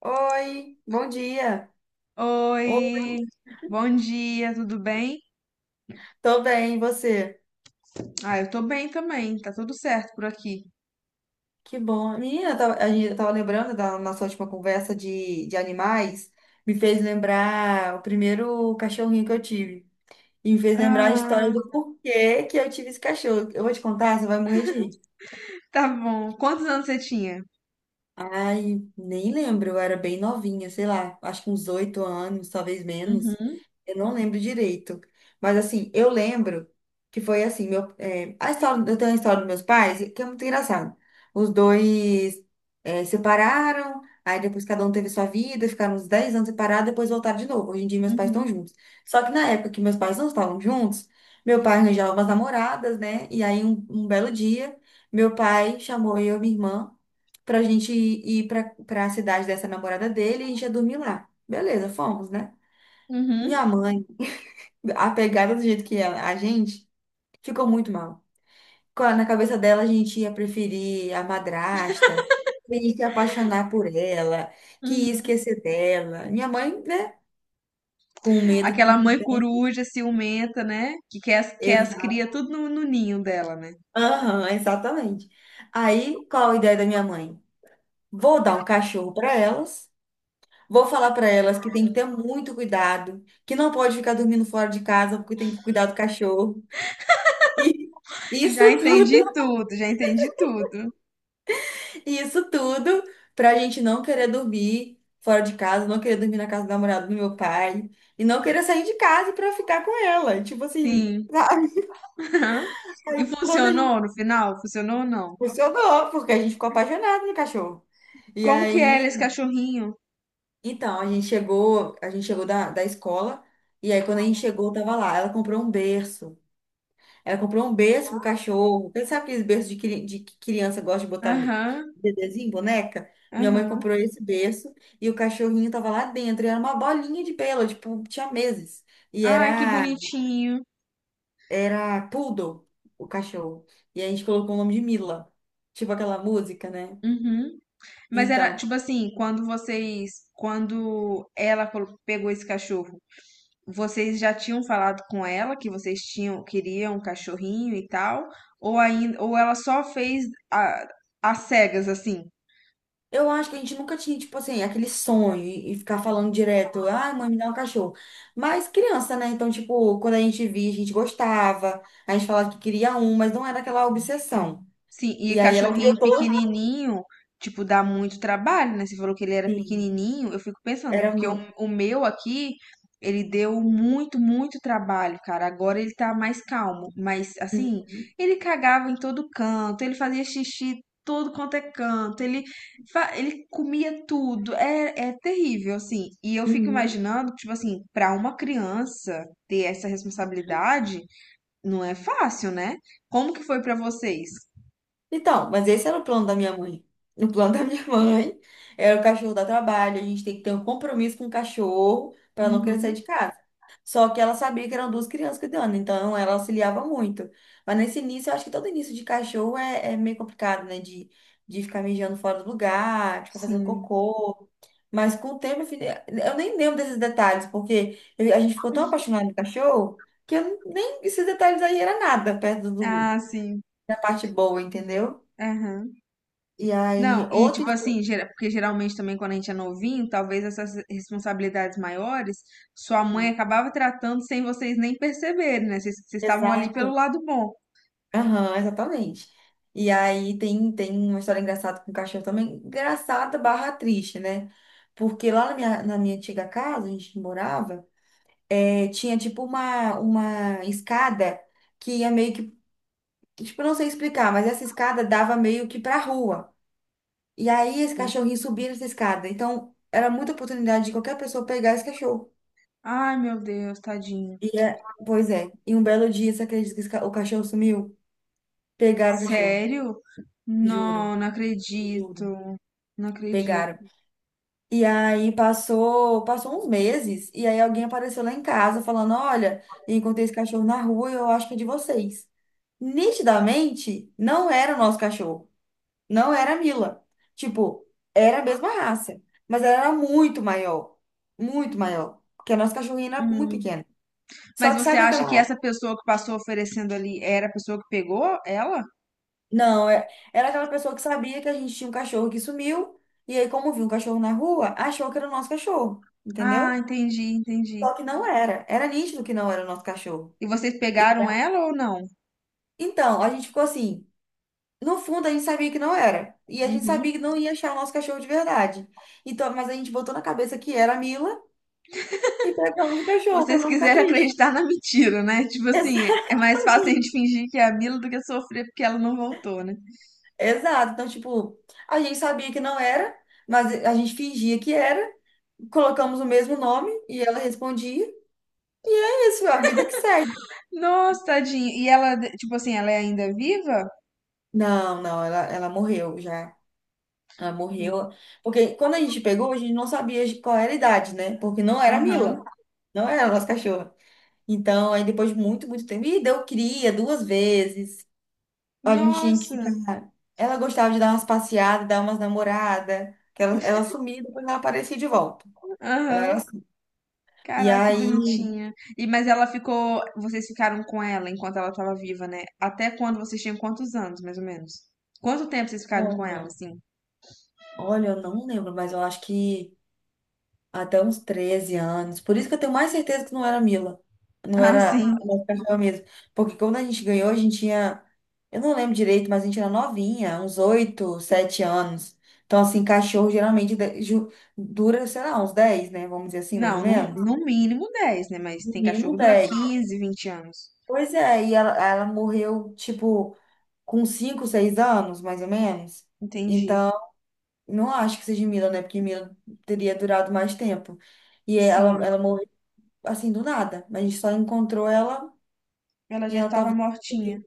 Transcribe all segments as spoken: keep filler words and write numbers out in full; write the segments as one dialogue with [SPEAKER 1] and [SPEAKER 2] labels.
[SPEAKER 1] Oi, bom dia. Oi,
[SPEAKER 2] Oi, bom dia, tudo bem?
[SPEAKER 1] tô bem, e você?
[SPEAKER 2] Ah, eu tô bem também, tá tudo certo por aqui.
[SPEAKER 1] Que bom. Menina, eu tava- a gente eu tava lembrando da nossa última conversa de, de animais, me fez lembrar o primeiro cachorrinho que eu tive. E me fez lembrar a história
[SPEAKER 2] Ah,
[SPEAKER 1] do porquê que eu tive esse cachorro. Eu vou te contar, você vai morrer de rir.
[SPEAKER 2] tá bom. Quantos anos você tinha?
[SPEAKER 1] Ai, nem lembro, eu era bem novinha, sei lá, acho que uns oito anos, talvez menos.
[SPEAKER 2] Uhum,
[SPEAKER 1] Eu não lembro direito. Mas assim, eu lembro que foi assim, meu, é, a história, eu tenho a história dos meus pais, que é muito engraçado. Os dois é, separaram, aí depois cada um teve sua vida, ficaram uns dez anos separados, depois voltaram de novo. Hoje em dia meus pais estão
[SPEAKER 2] uhum,
[SPEAKER 1] juntos. Só que na época que meus pais não estavam juntos, meu pai arranjava umas namoradas, né? E aí um um belo dia. Meu pai chamou eu e minha irmã pra gente ir pra, pra cidade dessa namorada dele e a gente ia dormir lá. Beleza, fomos, né?
[SPEAKER 2] uhum,
[SPEAKER 1] Minha mãe, apegada do jeito que é a gente, ficou muito mal. Co- Na cabeça dela, a gente ia preferir a madrasta, ia se apaixonar por ela, que ia
[SPEAKER 2] uhum.
[SPEAKER 1] esquecer dela. Minha mãe, né? Com medo que
[SPEAKER 2] Aquela
[SPEAKER 1] se...
[SPEAKER 2] mãe coruja ciumenta, né? Que quer, as- quer as
[SPEAKER 1] Exa-
[SPEAKER 2] cria tudo no, no ninho dela, né?
[SPEAKER 1] Aham, exatamente. Aí, qual a ideia da minha mãe? Vou dar um cachorro para elas. Vou falar para elas que tem que ter muito cuidado, que não pode ficar dormindo fora de casa porque tem que cuidar do cachorro. E isso
[SPEAKER 2] Já entendi
[SPEAKER 1] tudo,
[SPEAKER 2] tudo, já entendi tudo.
[SPEAKER 1] isso tudo para a gente não querer dormir fora de casa, não querer dormir na casa do namorado do meu pai e não querer sair de casa para ficar com ela. Tipo assim,
[SPEAKER 2] Sim.
[SPEAKER 1] sabe?
[SPEAKER 2] E
[SPEAKER 1] Aí quando a
[SPEAKER 2] funcionou
[SPEAKER 1] gente...
[SPEAKER 2] no final? Funcionou ou não?
[SPEAKER 1] funcionou, porque a gente ficou apaixonado no cachorro. E
[SPEAKER 2] Como que era esse
[SPEAKER 1] aí,
[SPEAKER 2] cachorrinho?
[SPEAKER 1] então, a gente chegou, a gente chegou da, da escola, e aí quando a gente chegou, tava lá, ela comprou um berço. Ela comprou um berço pro cachorro. Quem sabe aqueles berços de, cri- de que criança gosta de botar ne-
[SPEAKER 2] Aham,
[SPEAKER 1] bebezinho, boneca? Minha mãe
[SPEAKER 2] aham.
[SPEAKER 1] comprou esse berço e o cachorrinho tava lá dentro. E era uma bolinha de pelo, tipo, tinha meses. E
[SPEAKER 2] Ai, que
[SPEAKER 1] era,
[SPEAKER 2] bonitinho.
[SPEAKER 1] era poodle, o cachorro. E a gente colocou o nome de Mila. Tipo aquela música, né?
[SPEAKER 2] Uhum. Mas era
[SPEAKER 1] Então,
[SPEAKER 2] tipo assim, quando vocês, quando ela colo- pegou esse cachorro, vocês já tinham falado com ela que vocês tinham queriam um cachorrinho e tal, ou ainda, ou ela só fez a, às cegas assim?
[SPEAKER 1] eu acho que a gente nunca tinha, tipo assim, aquele sonho e e ficar falando direto, ah, mãe, me dá um cachorro. Mas criança, né? Então, tipo, quando a gente via, a gente gostava, a gente falava que queria um, mas não era aquela obsessão.
[SPEAKER 2] Sim, e
[SPEAKER 1] E aí ela criou
[SPEAKER 2] cachorrinho
[SPEAKER 1] toda
[SPEAKER 2] pequenininho, tipo, dá muito trabalho, né? Você falou que ele era
[SPEAKER 1] assim.
[SPEAKER 2] pequenininho, eu fico pensando,
[SPEAKER 1] Era
[SPEAKER 2] porque o,
[SPEAKER 1] muito.
[SPEAKER 2] o meu aqui, ele deu muito, muito trabalho, cara. Agora ele tá mais calmo, mas assim, ele cagava em todo canto, ele fazia xixi todo quanto é canto, ele, fa- ele comia tudo, é, é terrível, assim. E eu fico imaginando, tipo assim, pra uma criança ter essa responsabilidade, não é fácil, né? Como que foi pra vocês?
[SPEAKER 1] Então, mas esse era o plano da minha mãe. O plano da minha mãe era o cachorro dar trabalho, a gente tem que ter um compromisso com o cachorro para não querer sair
[SPEAKER 2] Uhum.
[SPEAKER 1] de casa. Só que ela sabia que eram duas crianças cuidando, então ela auxiliava muito. Mas nesse início, eu acho que todo início de cachorro é, é meio complicado, né? De, de ficar mijando fora do lugar, de ficar fazendo
[SPEAKER 2] Sim.
[SPEAKER 1] cocô. Mas com o tempo, eu fi- eu nem lembro desses detalhes, porque eu- a gente ficou tão apaixonado no cachorro que eu nem esses detalhes aí era nada perto do,
[SPEAKER 2] Ah, sim.
[SPEAKER 1] da parte boa, entendeu?
[SPEAKER 2] Aham.
[SPEAKER 1] E aí,
[SPEAKER 2] Não, e
[SPEAKER 1] outra
[SPEAKER 2] tipo
[SPEAKER 1] história.
[SPEAKER 2] assim, gera- porque geralmente também quando a gente é novinho, talvez essas responsabilidades maiores, sua mãe acabava tratando sem vocês nem perceberem, né? Vocês vocês estavam ali pelo
[SPEAKER 1] Exato.
[SPEAKER 2] lado bom.
[SPEAKER 1] Aham, exatamente. E aí tem, tem uma história engraçada com o cachorro também. Engraçada barra triste, né? Porque lá na minha, na minha antiga casa, a gente morava, eh, tinha tipo uma, uma escada que ia meio que... Tipo, eu não sei explicar, mas essa escada dava meio que pra rua. E aí esse cachorrinho subia nessa escada. Então, era muita oportunidade de qualquer pessoa pegar esse cachorro.
[SPEAKER 2] Ai, meu Deus, tadinho.
[SPEAKER 1] E é, pois é. E um belo dia, você acredita que esse ca- o cachorro sumiu? Pegaram o cachorro,
[SPEAKER 2] Sério?
[SPEAKER 1] juro,
[SPEAKER 2] Não, não
[SPEAKER 1] juro,
[SPEAKER 2] acredito. Não acredito.
[SPEAKER 1] pegaram. E aí passou, passou uns meses, e aí alguém apareceu lá em casa falando: "Olha, encontrei esse cachorro na rua, eu acho que é de vocês." Nitidamente, não era o nosso cachorro, não era a Mila. Tipo, era a mesma raça, mas ela era muito maior, muito maior, porque a nossa cachorrinha era muito
[SPEAKER 2] Hum.
[SPEAKER 1] pequena. Só
[SPEAKER 2] Mas
[SPEAKER 1] que
[SPEAKER 2] você
[SPEAKER 1] sabe
[SPEAKER 2] acha
[SPEAKER 1] aquela...
[SPEAKER 2] que essa pessoa que passou oferecendo ali era a pessoa que pegou ela?
[SPEAKER 1] Não, é- era aquela pessoa que sabia que a gente tinha um cachorro que sumiu, e aí, como viu um cachorro na rua, achou que era o nosso cachorro,
[SPEAKER 2] Ah,
[SPEAKER 1] entendeu?
[SPEAKER 2] entendi, entendi.
[SPEAKER 1] Só que não era. Era nítido que não era o nosso cachorro.
[SPEAKER 2] E vocês
[SPEAKER 1] E-
[SPEAKER 2] pegaram ela ou não?
[SPEAKER 1] então, a gente ficou assim. No fundo, a gente sabia que não era. E a gente
[SPEAKER 2] Uhum.
[SPEAKER 1] sabia que não ia achar o nosso cachorro de verdade. Então, mas a gente botou na cabeça que era a Mila e pegamos o cachorro para
[SPEAKER 2] Vocês
[SPEAKER 1] não ficar
[SPEAKER 2] quiserem
[SPEAKER 1] triste.
[SPEAKER 2] acreditar na mentira, né? Tipo assim, é mais fácil a
[SPEAKER 1] Exatamente.
[SPEAKER 2] gente fingir que é a Mila do que sofrer porque ela não voltou, né?
[SPEAKER 1] Exato. Então, tipo, a gente sabia que não era, mas a gente fingia que era. Colocamos o mesmo nome e ela respondia. É isso, é a vida que segue.
[SPEAKER 2] Nossa, tadinha. E ela, tipo assim, ela é ainda viva?
[SPEAKER 1] Não, não, ela, ela morreu já. Ela morreu. Porque quando a gente pegou, a gente não sabia de qual era a idade, né? Porque não era a
[SPEAKER 2] Aham.
[SPEAKER 1] Mila. Não era a nossa cachorra. Então, aí depois de muito, muito tempo. E deu cria duas vezes. A gente tinha que
[SPEAKER 2] Nossa.
[SPEAKER 1] ficar. Ela gostava de dar umas passeadas, dar umas namoradas. Que ela, ela sumia e depois ela aparecia de volta. Ela era...
[SPEAKER 2] Aham.
[SPEAKER 1] assim. E
[SPEAKER 2] Caraca, que
[SPEAKER 1] aí,
[SPEAKER 2] bonitinha. E mas ela ficou, vocês ficaram com ela enquanto ela tava viva, né? Até quando vocês tinham quantos anos, mais ou menos? Quanto tempo vocês ficaram com ela,
[SPEAKER 1] olha,
[SPEAKER 2] assim?
[SPEAKER 1] olha, eu não lembro, mas eu acho que, até uns treze anos. Por isso que eu tenho mais certeza que não era Mila. Não
[SPEAKER 2] Ah,
[SPEAKER 1] era
[SPEAKER 2] sim.
[SPEAKER 1] a nossa cachorra mesmo. Porque quando a gente ganhou, a gente tinha... Eu não lembro direito, mas a gente era novinha, uns oito, sete anos. Então, assim, cachorro geralmente de- ju- dura, sei lá, uns dez, né? Vamos dizer assim, mais ou
[SPEAKER 2] Não, no,
[SPEAKER 1] menos.
[SPEAKER 2] no mínimo dez, né? Mas
[SPEAKER 1] No
[SPEAKER 2] tem cachorro
[SPEAKER 1] mínimo
[SPEAKER 2] que dura
[SPEAKER 1] dez.
[SPEAKER 2] quinze, vinte anos.
[SPEAKER 1] Pois é, e ela, ela morreu, tipo, com cinco, seis anos, mais ou menos.
[SPEAKER 2] Entendi.
[SPEAKER 1] Então, não acho que seja Mila, né? Porque Mila teria durado mais tempo. E ela,
[SPEAKER 2] Sim.
[SPEAKER 1] ela assim, do nada. Mas a gente só encontrou ela
[SPEAKER 2] Ela
[SPEAKER 1] e
[SPEAKER 2] já
[SPEAKER 1] ela
[SPEAKER 2] estava
[SPEAKER 1] tava...
[SPEAKER 2] mortinha.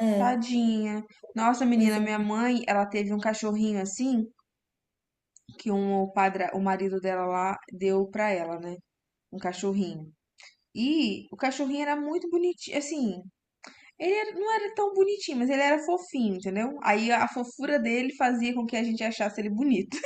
[SPEAKER 1] É,
[SPEAKER 2] Tadinha. Nossa,
[SPEAKER 1] pois
[SPEAKER 2] menina, minha
[SPEAKER 1] é.
[SPEAKER 2] mãe, ela teve um cachorrinho assim, que um, o padre, o marido dela lá deu pra ela, né? Um cachorrinho. E o cachorrinho era muito bonitinho, assim, ele era- não era tão bonitinho, mas ele era fofinho, entendeu? Aí a fofura dele fazia com que a gente achasse ele bonito.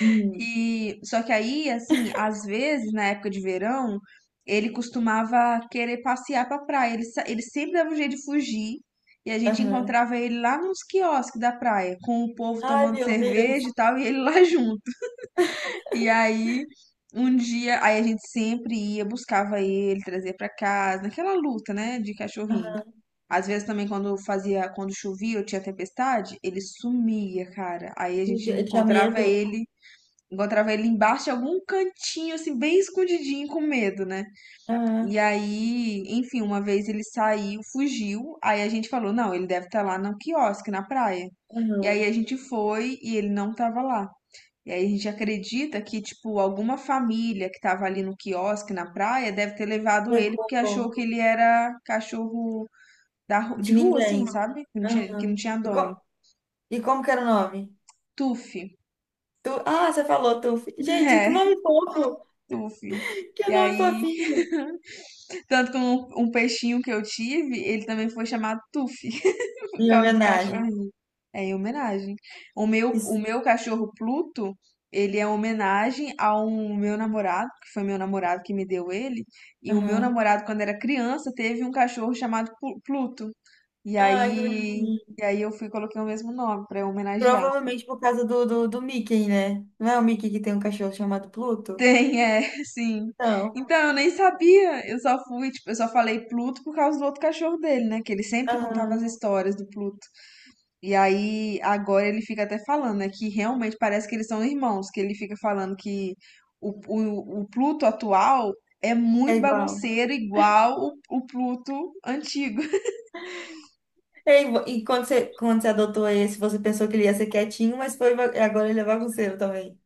[SPEAKER 1] Hum,
[SPEAKER 2] E só que aí, assim, às vezes na época de verão, ele costumava querer passear pra praia. Ele, sa- ele sempre dava um jeito de fugir. E a gente
[SPEAKER 1] aham.
[SPEAKER 2] encontrava ele lá nos quiosques da praia, com o povo
[SPEAKER 1] Ai,
[SPEAKER 2] tomando
[SPEAKER 1] meu Deus.
[SPEAKER 2] cerveja e tal, e ele lá junto. E aí, um dia, aí a gente sempre ia, buscava ele, trazia pra casa, naquela luta, né, de cachorrinho.
[SPEAKER 1] Aham.
[SPEAKER 2] Às vezes também quando fazia, quando chovia ou tinha tempestade, ele sumia, cara. Aí a
[SPEAKER 1] Meu
[SPEAKER 2] gente
[SPEAKER 1] Deus, eu tinha
[SPEAKER 2] encontrava
[SPEAKER 1] medo.
[SPEAKER 2] ele Encontrava ele embaixo de algum cantinho, assim, bem escondidinho, com medo, né?
[SPEAKER 1] Aham,
[SPEAKER 2] E aí, enfim, uma vez ele saiu, fugiu. Aí a gente falou: não, ele deve estar lá no quiosque, na praia. E aí a
[SPEAKER 1] aham.
[SPEAKER 2] gente foi e ele não tava lá. E aí a gente acredita que, tipo, alguma família que tava ali no quiosque, na praia, deve ter levado ele
[SPEAKER 1] Pegou
[SPEAKER 2] porque achou que ele era cachorro da, ru- de
[SPEAKER 1] de
[SPEAKER 2] rua, assim,
[SPEAKER 1] ninguém.
[SPEAKER 2] sabe? Que não tinha, que
[SPEAKER 1] Aham.
[SPEAKER 2] não tinha
[SPEAKER 1] E,
[SPEAKER 2] dono.
[SPEAKER 1] co- e como que era o nome?
[SPEAKER 2] Tufi.
[SPEAKER 1] Tu... Ah, você falou, Tu. Gente, que
[SPEAKER 2] É,
[SPEAKER 1] nome fofo!
[SPEAKER 2] Tufi.
[SPEAKER 1] Que
[SPEAKER 2] E
[SPEAKER 1] nome
[SPEAKER 2] aí
[SPEAKER 1] fofinho!
[SPEAKER 2] tanto que um, um peixinho que eu tive, ele também foi chamado Tufi, por
[SPEAKER 1] Em
[SPEAKER 2] causa do
[SPEAKER 1] homenagem.
[SPEAKER 2] cachorrinho. É em homenagem. O meu, o
[SPEAKER 1] Isso.
[SPEAKER 2] meu cachorro Pluto, ele é homenagem ao meu namorado, que foi meu namorado que me deu ele. E o meu
[SPEAKER 1] Aham.
[SPEAKER 2] namorado, quando era criança, teve um cachorro chamado Plu- Pluto. E
[SPEAKER 1] Ai, que
[SPEAKER 2] aí,
[SPEAKER 1] bonitinho.
[SPEAKER 2] e aí eu fui e coloquei o mesmo nome pra homenagear.
[SPEAKER 1] Provavelmente por causa do, do, do Mickey, né? Não é o Mickey que tem um cachorro chamado Pluto?
[SPEAKER 2] Tem, é, sim.
[SPEAKER 1] Não.
[SPEAKER 2] Então, eu nem sabia. Eu só fui, tipo, eu só falei Pluto por causa do outro cachorro dele, né? Que ele sempre contava as histórias do Pluto. E aí, agora ele fica até falando, né, que realmente parece que eles são irmãos, que ele fica falando que o, o, o Pluto atual é
[SPEAKER 1] É
[SPEAKER 2] muito
[SPEAKER 1] igual.
[SPEAKER 2] bagunceiro, igual o, o Pluto antigo.
[SPEAKER 1] É igual. E quando você, quando você adotou esse, você pensou que ele ia ser quietinho, mas foi, va- agora ele é bagunceiro também.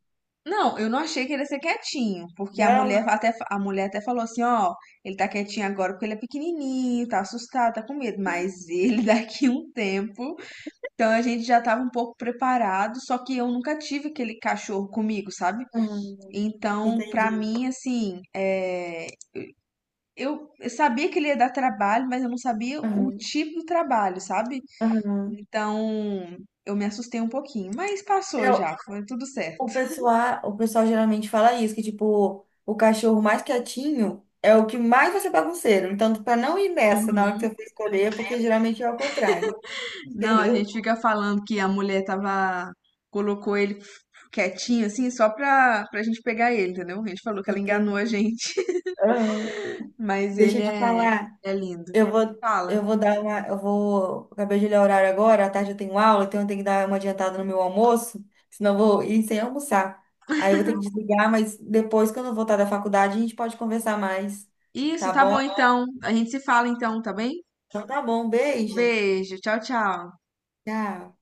[SPEAKER 2] Não, eu não achei que ele ia ser quietinho, porque a mulher
[SPEAKER 1] Não?
[SPEAKER 2] até, a mulher até falou assim, ó, ele tá quietinho agora porque ele é pequenininho, tá assustado, tá com medo, mas ele daqui um tempo, então a gente já tava um pouco preparado, só que eu nunca tive aquele cachorro comigo, sabe?
[SPEAKER 1] Aham.
[SPEAKER 2] Então, pra
[SPEAKER 1] Entendi.
[SPEAKER 2] mim, assim, é, eu, eu sabia que ele ia dar trabalho, mas eu não sabia o
[SPEAKER 1] Aham.
[SPEAKER 2] tipo do trabalho, sabe?
[SPEAKER 1] Aham.
[SPEAKER 2] Então, eu me assustei um pouquinho, mas
[SPEAKER 1] É,
[SPEAKER 2] passou
[SPEAKER 1] o
[SPEAKER 2] já, foi tudo certo.
[SPEAKER 1] o pessoal, o pessoal geralmente fala isso, que tipo, o cachorro mais quietinho é o que mais vai ser bagunceiro. Então, pra não ir nessa na hora que
[SPEAKER 2] Uhum.
[SPEAKER 1] você for escolher, porque geralmente é o contrário.
[SPEAKER 2] Não, a gente
[SPEAKER 1] Entendeu?
[SPEAKER 2] fica falando que a mulher tava, colocou ele quietinho, assim, só pra, pra gente pegar ele, entendeu? A gente falou que ela enganou a
[SPEAKER 1] Entendi.
[SPEAKER 2] gente,
[SPEAKER 1] Aham.
[SPEAKER 2] mas
[SPEAKER 1] Deixa
[SPEAKER 2] ele
[SPEAKER 1] de
[SPEAKER 2] é,
[SPEAKER 1] falar.
[SPEAKER 2] é lindo.
[SPEAKER 1] Eu vou, eu
[SPEAKER 2] Fala.
[SPEAKER 1] vou dar uma. Eu vou... Acabei de olhar o horário agora, à tarde eu tenho aula, então eu tenho que dar uma adiantada no meu almoço, senão eu vou ir sem almoçar. Aí eu vou ter que desligar, mas depois, quando eu voltar da faculdade, a gente pode conversar mais.
[SPEAKER 2] Isso,
[SPEAKER 1] Tá
[SPEAKER 2] tá
[SPEAKER 1] bom?
[SPEAKER 2] bom então. A gente se fala então, tá bem?
[SPEAKER 1] Então tá bom, beijo.
[SPEAKER 2] Beijo, tchau, tchau.
[SPEAKER 1] Tchau.